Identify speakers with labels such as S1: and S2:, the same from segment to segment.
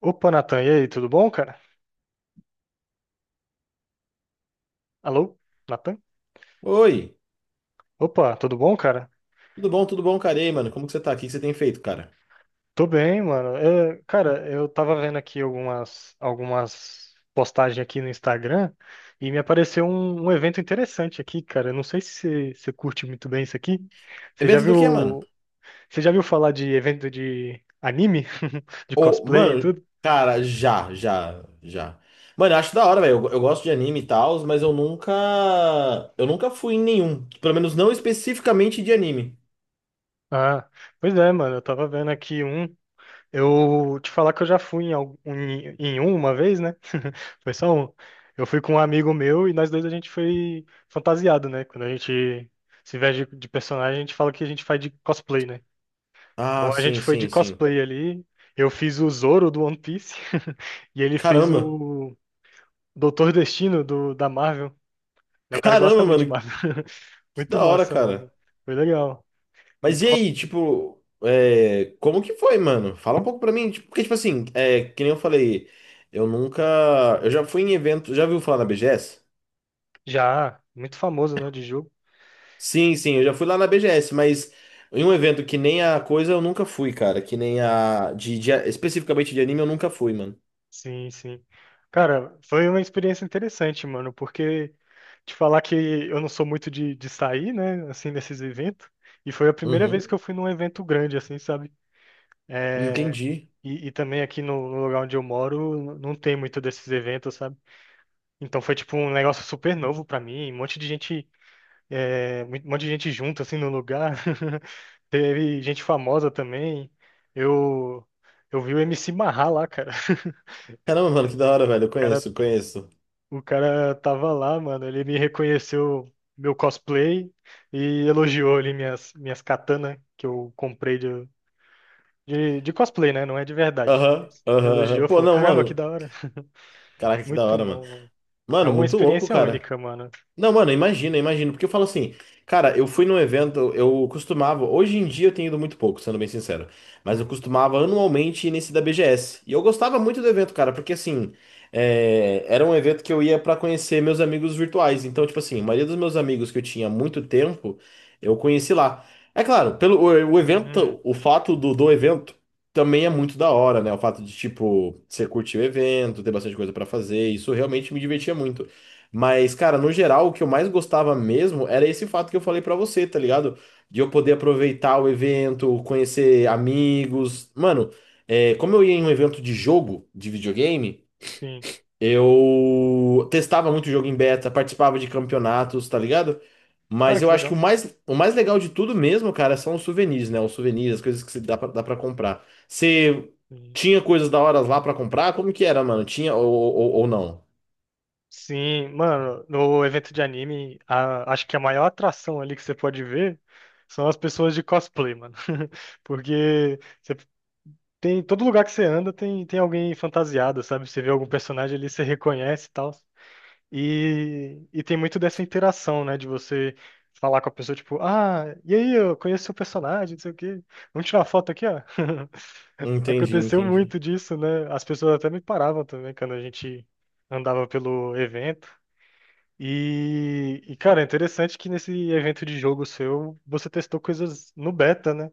S1: Opa, Natan, e aí, tudo bom, cara? Alô, Natan?
S2: Oi,
S1: Opa, tudo bom, cara?
S2: tudo bom, cara? E aí, mano, como que você tá aqui? O que você tem feito, cara?
S1: Tô bem, mano. Cara, eu tava vendo aqui algumas postagens aqui no Instagram e me apareceu um evento interessante aqui, cara. Eu não sei se você curte muito bem isso aqui. Você já
S2: Evento do quê, mano?
S1: viu, você já viu falar de evento de anime? De
S2: Ô,
S1: cosplay e
S2: mano,
S1: tudo?
S2: cara, já, já, já. Mano, eu acho da hora, velho. Eu gosto de anime e tal, mas eu nunca. Eu nunca fui em nenhum. Pelo menos não especificamente de anime.
S1: Ah, pois é, mano. Eu tava vendo aqui um. Eu te falar que eu já fui em, em um uma vez, né? Foi só um. Eu fui com um amigo meu e nós dois a gente foi fantasiado, né? Quando a gente se veste de personagem, a gente fala que a gente faz de cosplay, né?
S2: Ah,
S1: Então a gente
S2: sim,
S1: foi de
S2: sim, sim.
S1: cosplay ali. Eu fiz o Zoro do One Piece e ele fez
S2: Caramba!
S1: o Doutor Destino da Marvel. É um cara que gosta
S2: Caramba,
S1: muito
S2: mano,
S1: de Marvel.
S2: que
S1: Muito
S2: da hora,
S1: massa, mano.
S2: cara.
S1: Foi legal. E
S2: Mas e
S1: tava
S2: aí, tipo, como que foi, mano? Fala um pouco pra mim. Tipo, porque, tipo assim, que nem eu falei, eu nunca. Eu já fui em evento. Já viu falar na BGS?
S1: já muito famoso, né, de jogo.
S2: Sim, sim, eu já fui lá na BGS, mas em um evento que nem a coisa eu nunca fui, cara. Que nem a. Especificamente de anime eu nunca fui, mano.
S1: Sim, sim. Cara, foi uma experiência interessante, mano, porque te falar que eu não sou muito de sair, né, assim, nesses eventos, e foi a primeira vez
S2: Uhum.
S1: que eu fui num evento grande, assim, sabe? É,
S2: Entendi.
S1: e também aqui no lugar onde eu moro não tem muito desses eventos, sabe? Então foi tipo um negócio super novo pra mim, um monte de gente, um monte de gente junto, assim, no lugar. Teve gente famosa também. Eu, eu vi o MC Marrar lá, cara.
S2: Caramba, mano, que da hora, velho. Eu conheço, conheço.
S1: O cara tava lá, mano. Ele me reconheceu meu cosplay e elogiou ali minhas katanas que eu comprei de cosplay, né? Não é de verdade.
S2: Aham, aham, aham.
S1: Elogiou,
S2: Pô,
S1: falou:
S2: não,
S1: Caramba, que
S2: mano.
S1: da hora.
S2: Caraca, que da
S1: Muito
S2: hora, mano.
S1: bom, mano. É
S2: Mano,
S1: uma
S2: muito louco,
S1: experiência
S2: cara.
S1: única, mano.
S2: Não, mano, imagina, imagina. Porque eu falo assim, cara, eu fui num evento, eu costumava. Hoje em dia eu tenho ido muito pouco, sendo bem sincero. Mas eu
S1: Uhum.
S2: costumava anualmente ir nesse da BGS. E eu gostava muito do evento, cara, porque assim, era um evento que eu ia pra conhecer meus amigos virtuais. Então, tipo assim, a maioria dos meus amigos que eu tinha há muito tempo, eu conheci lá. É claro, pelo o
S1: Hum,
S2: evento, o fato do evento também é muito da hora, né? O fato de, tipo, você curtir o evento, ter bastante coisa pra fazer, isso realmente me divertia muito. Mas, cara, no geral, o que eu mais gostava mesmo era esse fato que eu falei pra você, tá ligado? De eu poder aproveitar o evento, conhecer amigos. Mano, como eu ia em um evento de jogo, de videogame,
S1: sim.
S2: eu testava muito jogo em beta, participava de campeonatos, tá ligado?
S1: Cara,
S2: Mas eu
S1: que
S2: acho que
S1: legal.
S2: o mais legal de tudo mesmo, cara, são os souvenirs, né? Os souvenirs, as coisas que você dá pra comprar. Você
S1: Sim,
S2: tinha coisas da hora lá pra comprar? Como que era, mano? Tinha ou não?
S1: sim, mano. No evento de anime, acho que a maior atração ali que você pode ver são as pessoas de cosplay, mano. Porque. Você Tem todo lugar que você anda tem, tem alguém fantasiado, sabe? Você vê algum personagem ali, você reconhece e tal. E tem muito dessa interação, né? De você falar com a pessoa, tipo, ah, e aí, eu conheço seu personagem, não sei o quê. Vamos tirar uma foto aqui, ó.
S2: Entendi,
S1: Aconteceu
S2: entendi.
S1: muito disso, né? As pessoas até me paravam também quando a gente andava pelo evento. E cara, é interessante que nesse evento de jogo seu, você testou coisas no beta, né?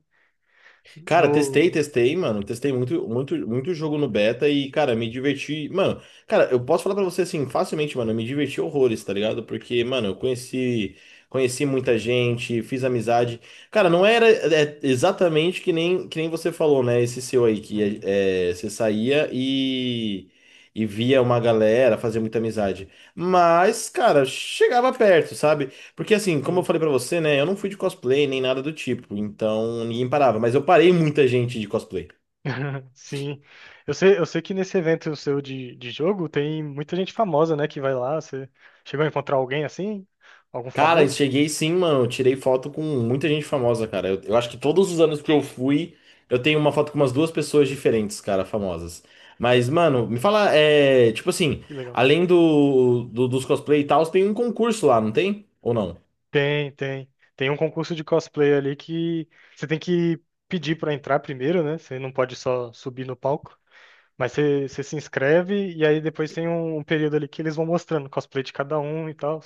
S2: Cara, testei,
S1: No.
S2: testei, mano. Testei muito, muito, muito jogo no beta e, cara, me diverti. Mano, cara, eu posso falar pra você assim, facilmente, mano, eu me diverti horrores, tá ligado? Porque, mano, eu conheci, conheci muita gente, fiz amizade. Cara, não era exatamente que nem você falou, né? Esse seu aí, que
S1: Uhum.
S2: é, você saía e via uma galera, fazia muita amizade. Mas, cara, chegava perto, sabe? Porque assim, como eu
S1: Sim.
S2: falei pra você, né? Eu não fui de cosplay nem nada do tipo, então ninguém parava. Mas eu parei muita gente de cosplay.
S1: Sim. Eu sei que nesse evento seu de jogo tem muita gente famosa, né, que vai lá. Você chegou a encontrar alguém assim? Algum
S2: Cara, eu
S1: famoso?
S2: cheguei sim, mano. Eu Tirei foto com muita gente famosa, cara. Eu acho que todos os anos que eu fui, eu tenho uma foto com umas duas pessoas diferentes, cara, famosas. Mas, mano, me fala, é. Tipo assim,
S1: Que legal.
S2: além dos cosplay e tal, tem um concurso lá, não tem? Ou não?
S1: Tem, tem. Tem um concurso de cosplay ali que você tem que pedir pra entrar primeiro, né? Você não pode só subir no palco. Mas você se inscreve e aí depois tem um período ali que eles vão mostrando o cosplay de cada um e tal.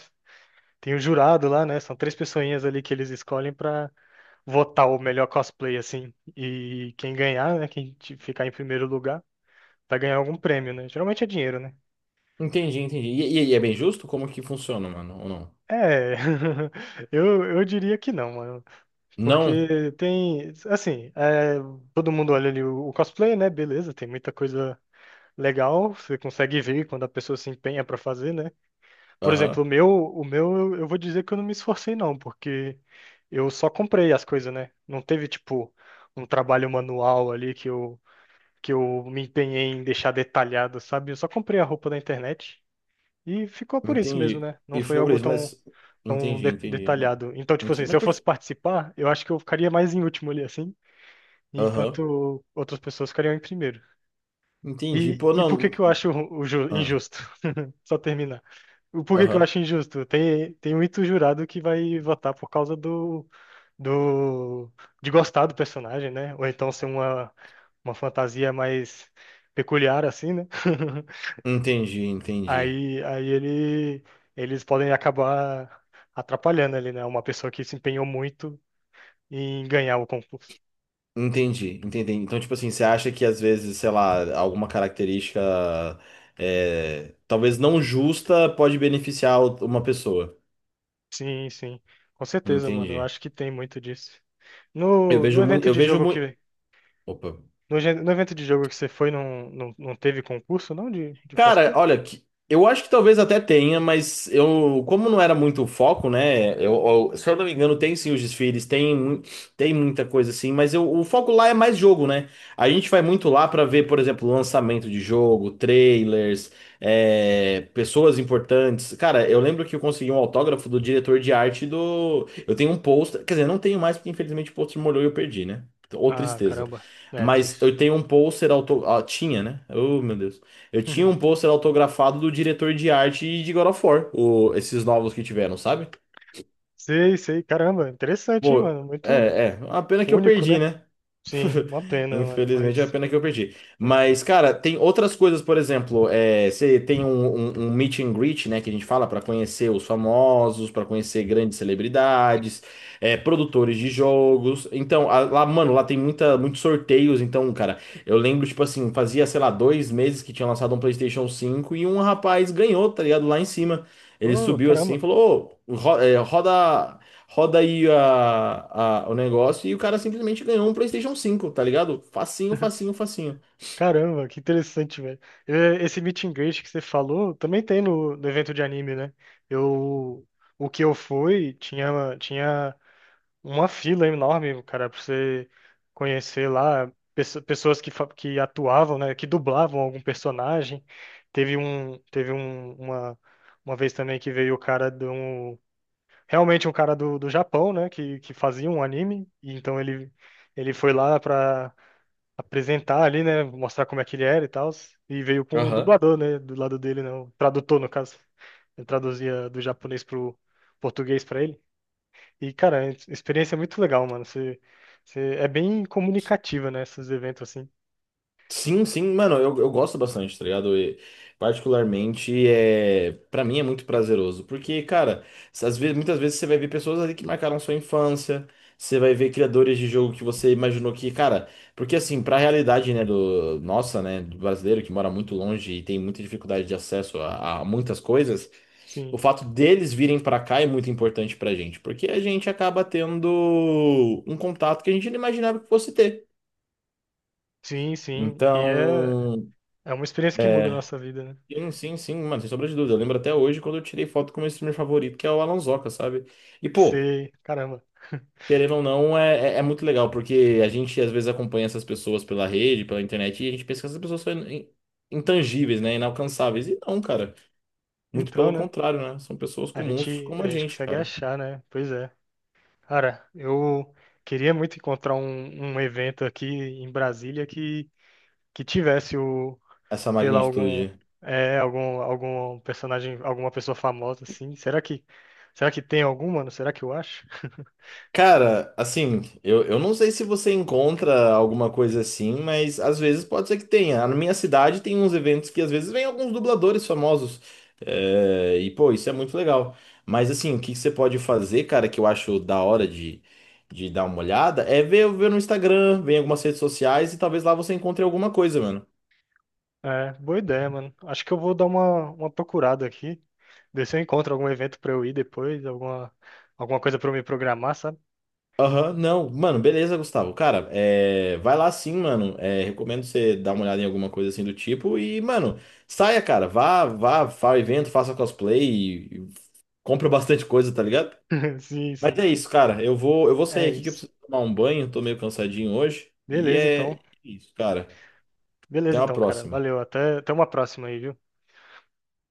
S1: Tem o jurado lá, né? São três pessoinhas ali que eles escolhem pra votar o melhor cosplay, assim. E quem ganhar, né? Quem ficar em primeiro lugar, vai ganhar algum prêmio, né? Geralmente é dinheiro, né?
S2: Entendi, entendi. E é bem justo? Como que funciona, mano? Ou não?
S1: É, eu diria que não, mano.
S2: Não?
S1: Porque tem, assim, é, todo mundo olha ali o cosplay, né? Beleza, tem muita coisa legal, você consegue ver quando a pessoa se empenha pra fazer, né? Por
S2: Aham.
S1: exemplo, o meu, eu vou dizer que eu não me esforcei, não, porque eu só comprei as coisas, né? Não teve, tipo, um trabalho manual ali que eu me empenhei em deixar detalhado, sabe? Eu só comprei a roupa na internet e ficou por isso mesmo,
S2: Entendi.
S1: né? Não
S2: E
S1: foi
S2: ficou por
S1: algo
S2: isso,
S1: tão,
S2: mas. Entendi, entendi.
S1: detalhado. Então, tipo assim,
S2: Entendi,
S1: se
S2: mas
S1: eu
S2: por
S1: fosse
S2: que.
S1: participar, eu acho que eu ficaria mais em último ali, assim,
S2: Aham.
S1: enquanto outras pessoas ficariam em primeiro.
S2: Entendi. Pô,
S1: E por que que
S2: não.
S1: eu acho o
S2: Ah,
S1: injusto? Só terminar. O porquê que eu
S2: aham.
S1: acho injusto? Tem, tem muito jurado que vai votar por causa do, de gostar do personagem, né? Ou então ser uma fantasia mais peculiar, assim, né?
S2: Entendi, entendi.
S1: Aí eles podem acabar atrapalhando ali, né? Uma pessoa que se empenhou muito em ganhar o concurso.
S2: Entendi, entendi. Então, tipo assim, você acha que às vezes, sei lá, alguma característica talvez não justa pode beneficiar o- uma pessoa.
S1: Sim, sim. Com certeza, mano. Eu
S2: Entendi.
S1: acho que tem muito disso.
S2: Eu
S1: No
S2: vejo muito.
S1: evento
S2: Eu
S1: de
S2: vejo
S1: jogo
S2: muito.
S1: que.
S2: Opa.
S1: No evento de jogo que você foi, não, não, não teve concurso, não? De
S2: Cara,
S1: cosplay?
S2: olha, que- eu acho que talvez até tenha, mas eu, como não era muito o foco, né? Se eu não me engano, tem sim os desfiles, tem muita coisa assim, mas eu- o foco lá é mais jogo, né? A gente vai muito lá pra ver, por exemplo, lançamento de jogo, trailers, pessoas importantes. Cara, eu lembro que eu consegui um autógrafo do diretor de arte do. Eu tenho um pôster, quer dizer, não tenho mais, porque infelizmente o pôster molhou e eu perdi, né? Ou
S1: Ah,
S2: tristeza.
S1: caramba. É
S2: Mas
S1: triste.
S2: eu tenho um pôster auto... ah, tinha, né? Oh, meu Deus. Eu tinha um pôster autografado do diretor de arte de God of War, o- esses novos que tiveram, sabe?
S1: Sei, sei. Caramba, interessante, hein,
S2: Pô,
S1: mano? Muito
S2: é, é. A pena que eu
S1: único,
S2: perdi,
S1: né?
S2: né?
S1: Sim, uma pena, mano,
S2: Infelizmente é a
S1: mas
S2: pena que eu perdi.
S1: muito fato.
S2: Mas, cara, tem outras coisas, por exemplo, você tem um, um, um meet and greet, né, que a gente fala para conhecer os famosos, para conhecer grandes celebridades, produtores de jogos. Então, a- lá, mano, lá tem muita, muitos sorteios. Então, cara, eu lembro, tipo assim, fazia, sei lá, 2 meses que tinha lançado um PlayStation 5 e um rapaz ganhou, tá ligado? Lá em cima. Ele
S1: Oh,
S2: subiu assim e
S1: caramba.
S2: falou: Ô, roda. Roda aí o negócio e o cara simplesmente ganhou um PlayStation 5, tá ligado? Facinho, facinho, facinho.
S1: Caramba, que interessante, velho. É, esse meet and greet que você falou também tem no evento de anime, né? Eu, o que eu fui tinha, tinha uma fila enorme, cara, pra você conhecer lá pessoas que, que atuavam, né, que dublavam algum personagem. Teve um, teve um, uma, uma vez também que veio o cara de um, realmente um cara do Japão, né, que fazia um anime, e então ele foi lá pra apresentar ali, né, mostrar como é que ele era e tal, e veio com um
S2: Aham.
S1: dublador, né, do lado dele, né, um tradutor, no caso. Ele traduzia do japonês pro português pra ele. E, cara, é experiência é muito legal, mano. Você é bem comunicativa, né? Esses eventos assim.
S2: Sim, sim, mano, eu gosto bastante, tá ligado? E, particularmente, para mim é muito prazeroso, porque, cara, às vezes, muitas vezes você vai ver pessoas ali que marcaram sua infância, você vai ver criadores de jogo que você imaginou que, cara, porque assim, pra realidade, né, do nossa, né, do brasileiro que mora muito longe e tem muita dificuldade de acesso a muitas coisas, o
S1: Sim,
S2: fato deles virem pra cá é muito importante pra gente, porque a gente acaba tendo um contato que a gente não imaginava que fosse ter.
S1: sim, sim. E é,
S2: Então,
S1: é uma experiência que muda a
S2: é,
S1: nossa vida, né?
S2: sim, sim, sim, mano, sem sombra de dúvida. Eu lembro até hoje quando eu tirei foto com o meu streamer favorito, que é o Alonsoca, sabe? E, pô,
S1: Você, caramba.
S2: querendo ou não, é muito legal, porque a gente às vezes acompanha essas pessoas pela rede, pela internet, e a gente pensa que essas pessoas são intangíveis, né? Inalcançáveis. E não, cara. Muito
S1: Então,
S2: pelo
S1: né?
S2: contrário, né? São pessoas
S1: A gente,
S2: comuns como
S1: a
S2: a
S1: gente
S2: gente,
S1: consegue
S2: cara.
S1: achar, né? Pois é. Cara, eu queria muito encontrar um, um evento aqui em Brasília que tivesse o,
S2: Essa
S1: sei lá, algum,
S2: magnitude.
S1: é, algum personagem, alguma pessoa famosa, assim. Será que tem algum, mano? Será que eu acho?
S2: Cara, assim, eu não sei se você encontra alguma coisa assim, mas às vezes pode ser que tenha. Na minha cidade tem uns eventos que às vezes vem alguns dubladores famosos. É, e, pô, isso é muito legal. Mas, assim, o que que você pode fazer, cara, que eu acho da hora de dar uma olhada, é ver, no Instagram, ver em algumas redes sociais e talvez lá você encontre alguma coisa, mano.
S1: É, boa ideia, mano. Acho que eu vou dar uma procurada aqui, ver se eu encontro algum evento pra eu ir depois, alguma, alguma coisa pra eu me programar, sabe?
S2: Aham, não. Mano, beleza, Gustavo. Cara, vai lá sim, mano. É, recomendo você dar uma olhada em alguma coisa assim do tipo. E, mano, saia, cara. Vá, vá, faça evento, faça cosplay. Compra bastante coisa, tá ligado?
S1: Sim,
S2: Mas
S1: sim.
S2: é isso, cara. Eu vou
S1: É
S2: sair aqui que eu
S1: isso.
S2: preciso tomar um banho. Tô meio cansadinho hoje. E
S1: Beleza,
S2: é
S1: então.
S2: isso, cara.
S1: Beleza,
S2: Até uma
S1: então, cara.
S2: próxima.
S1: Valeu. Até, até uma próxima aí, viu?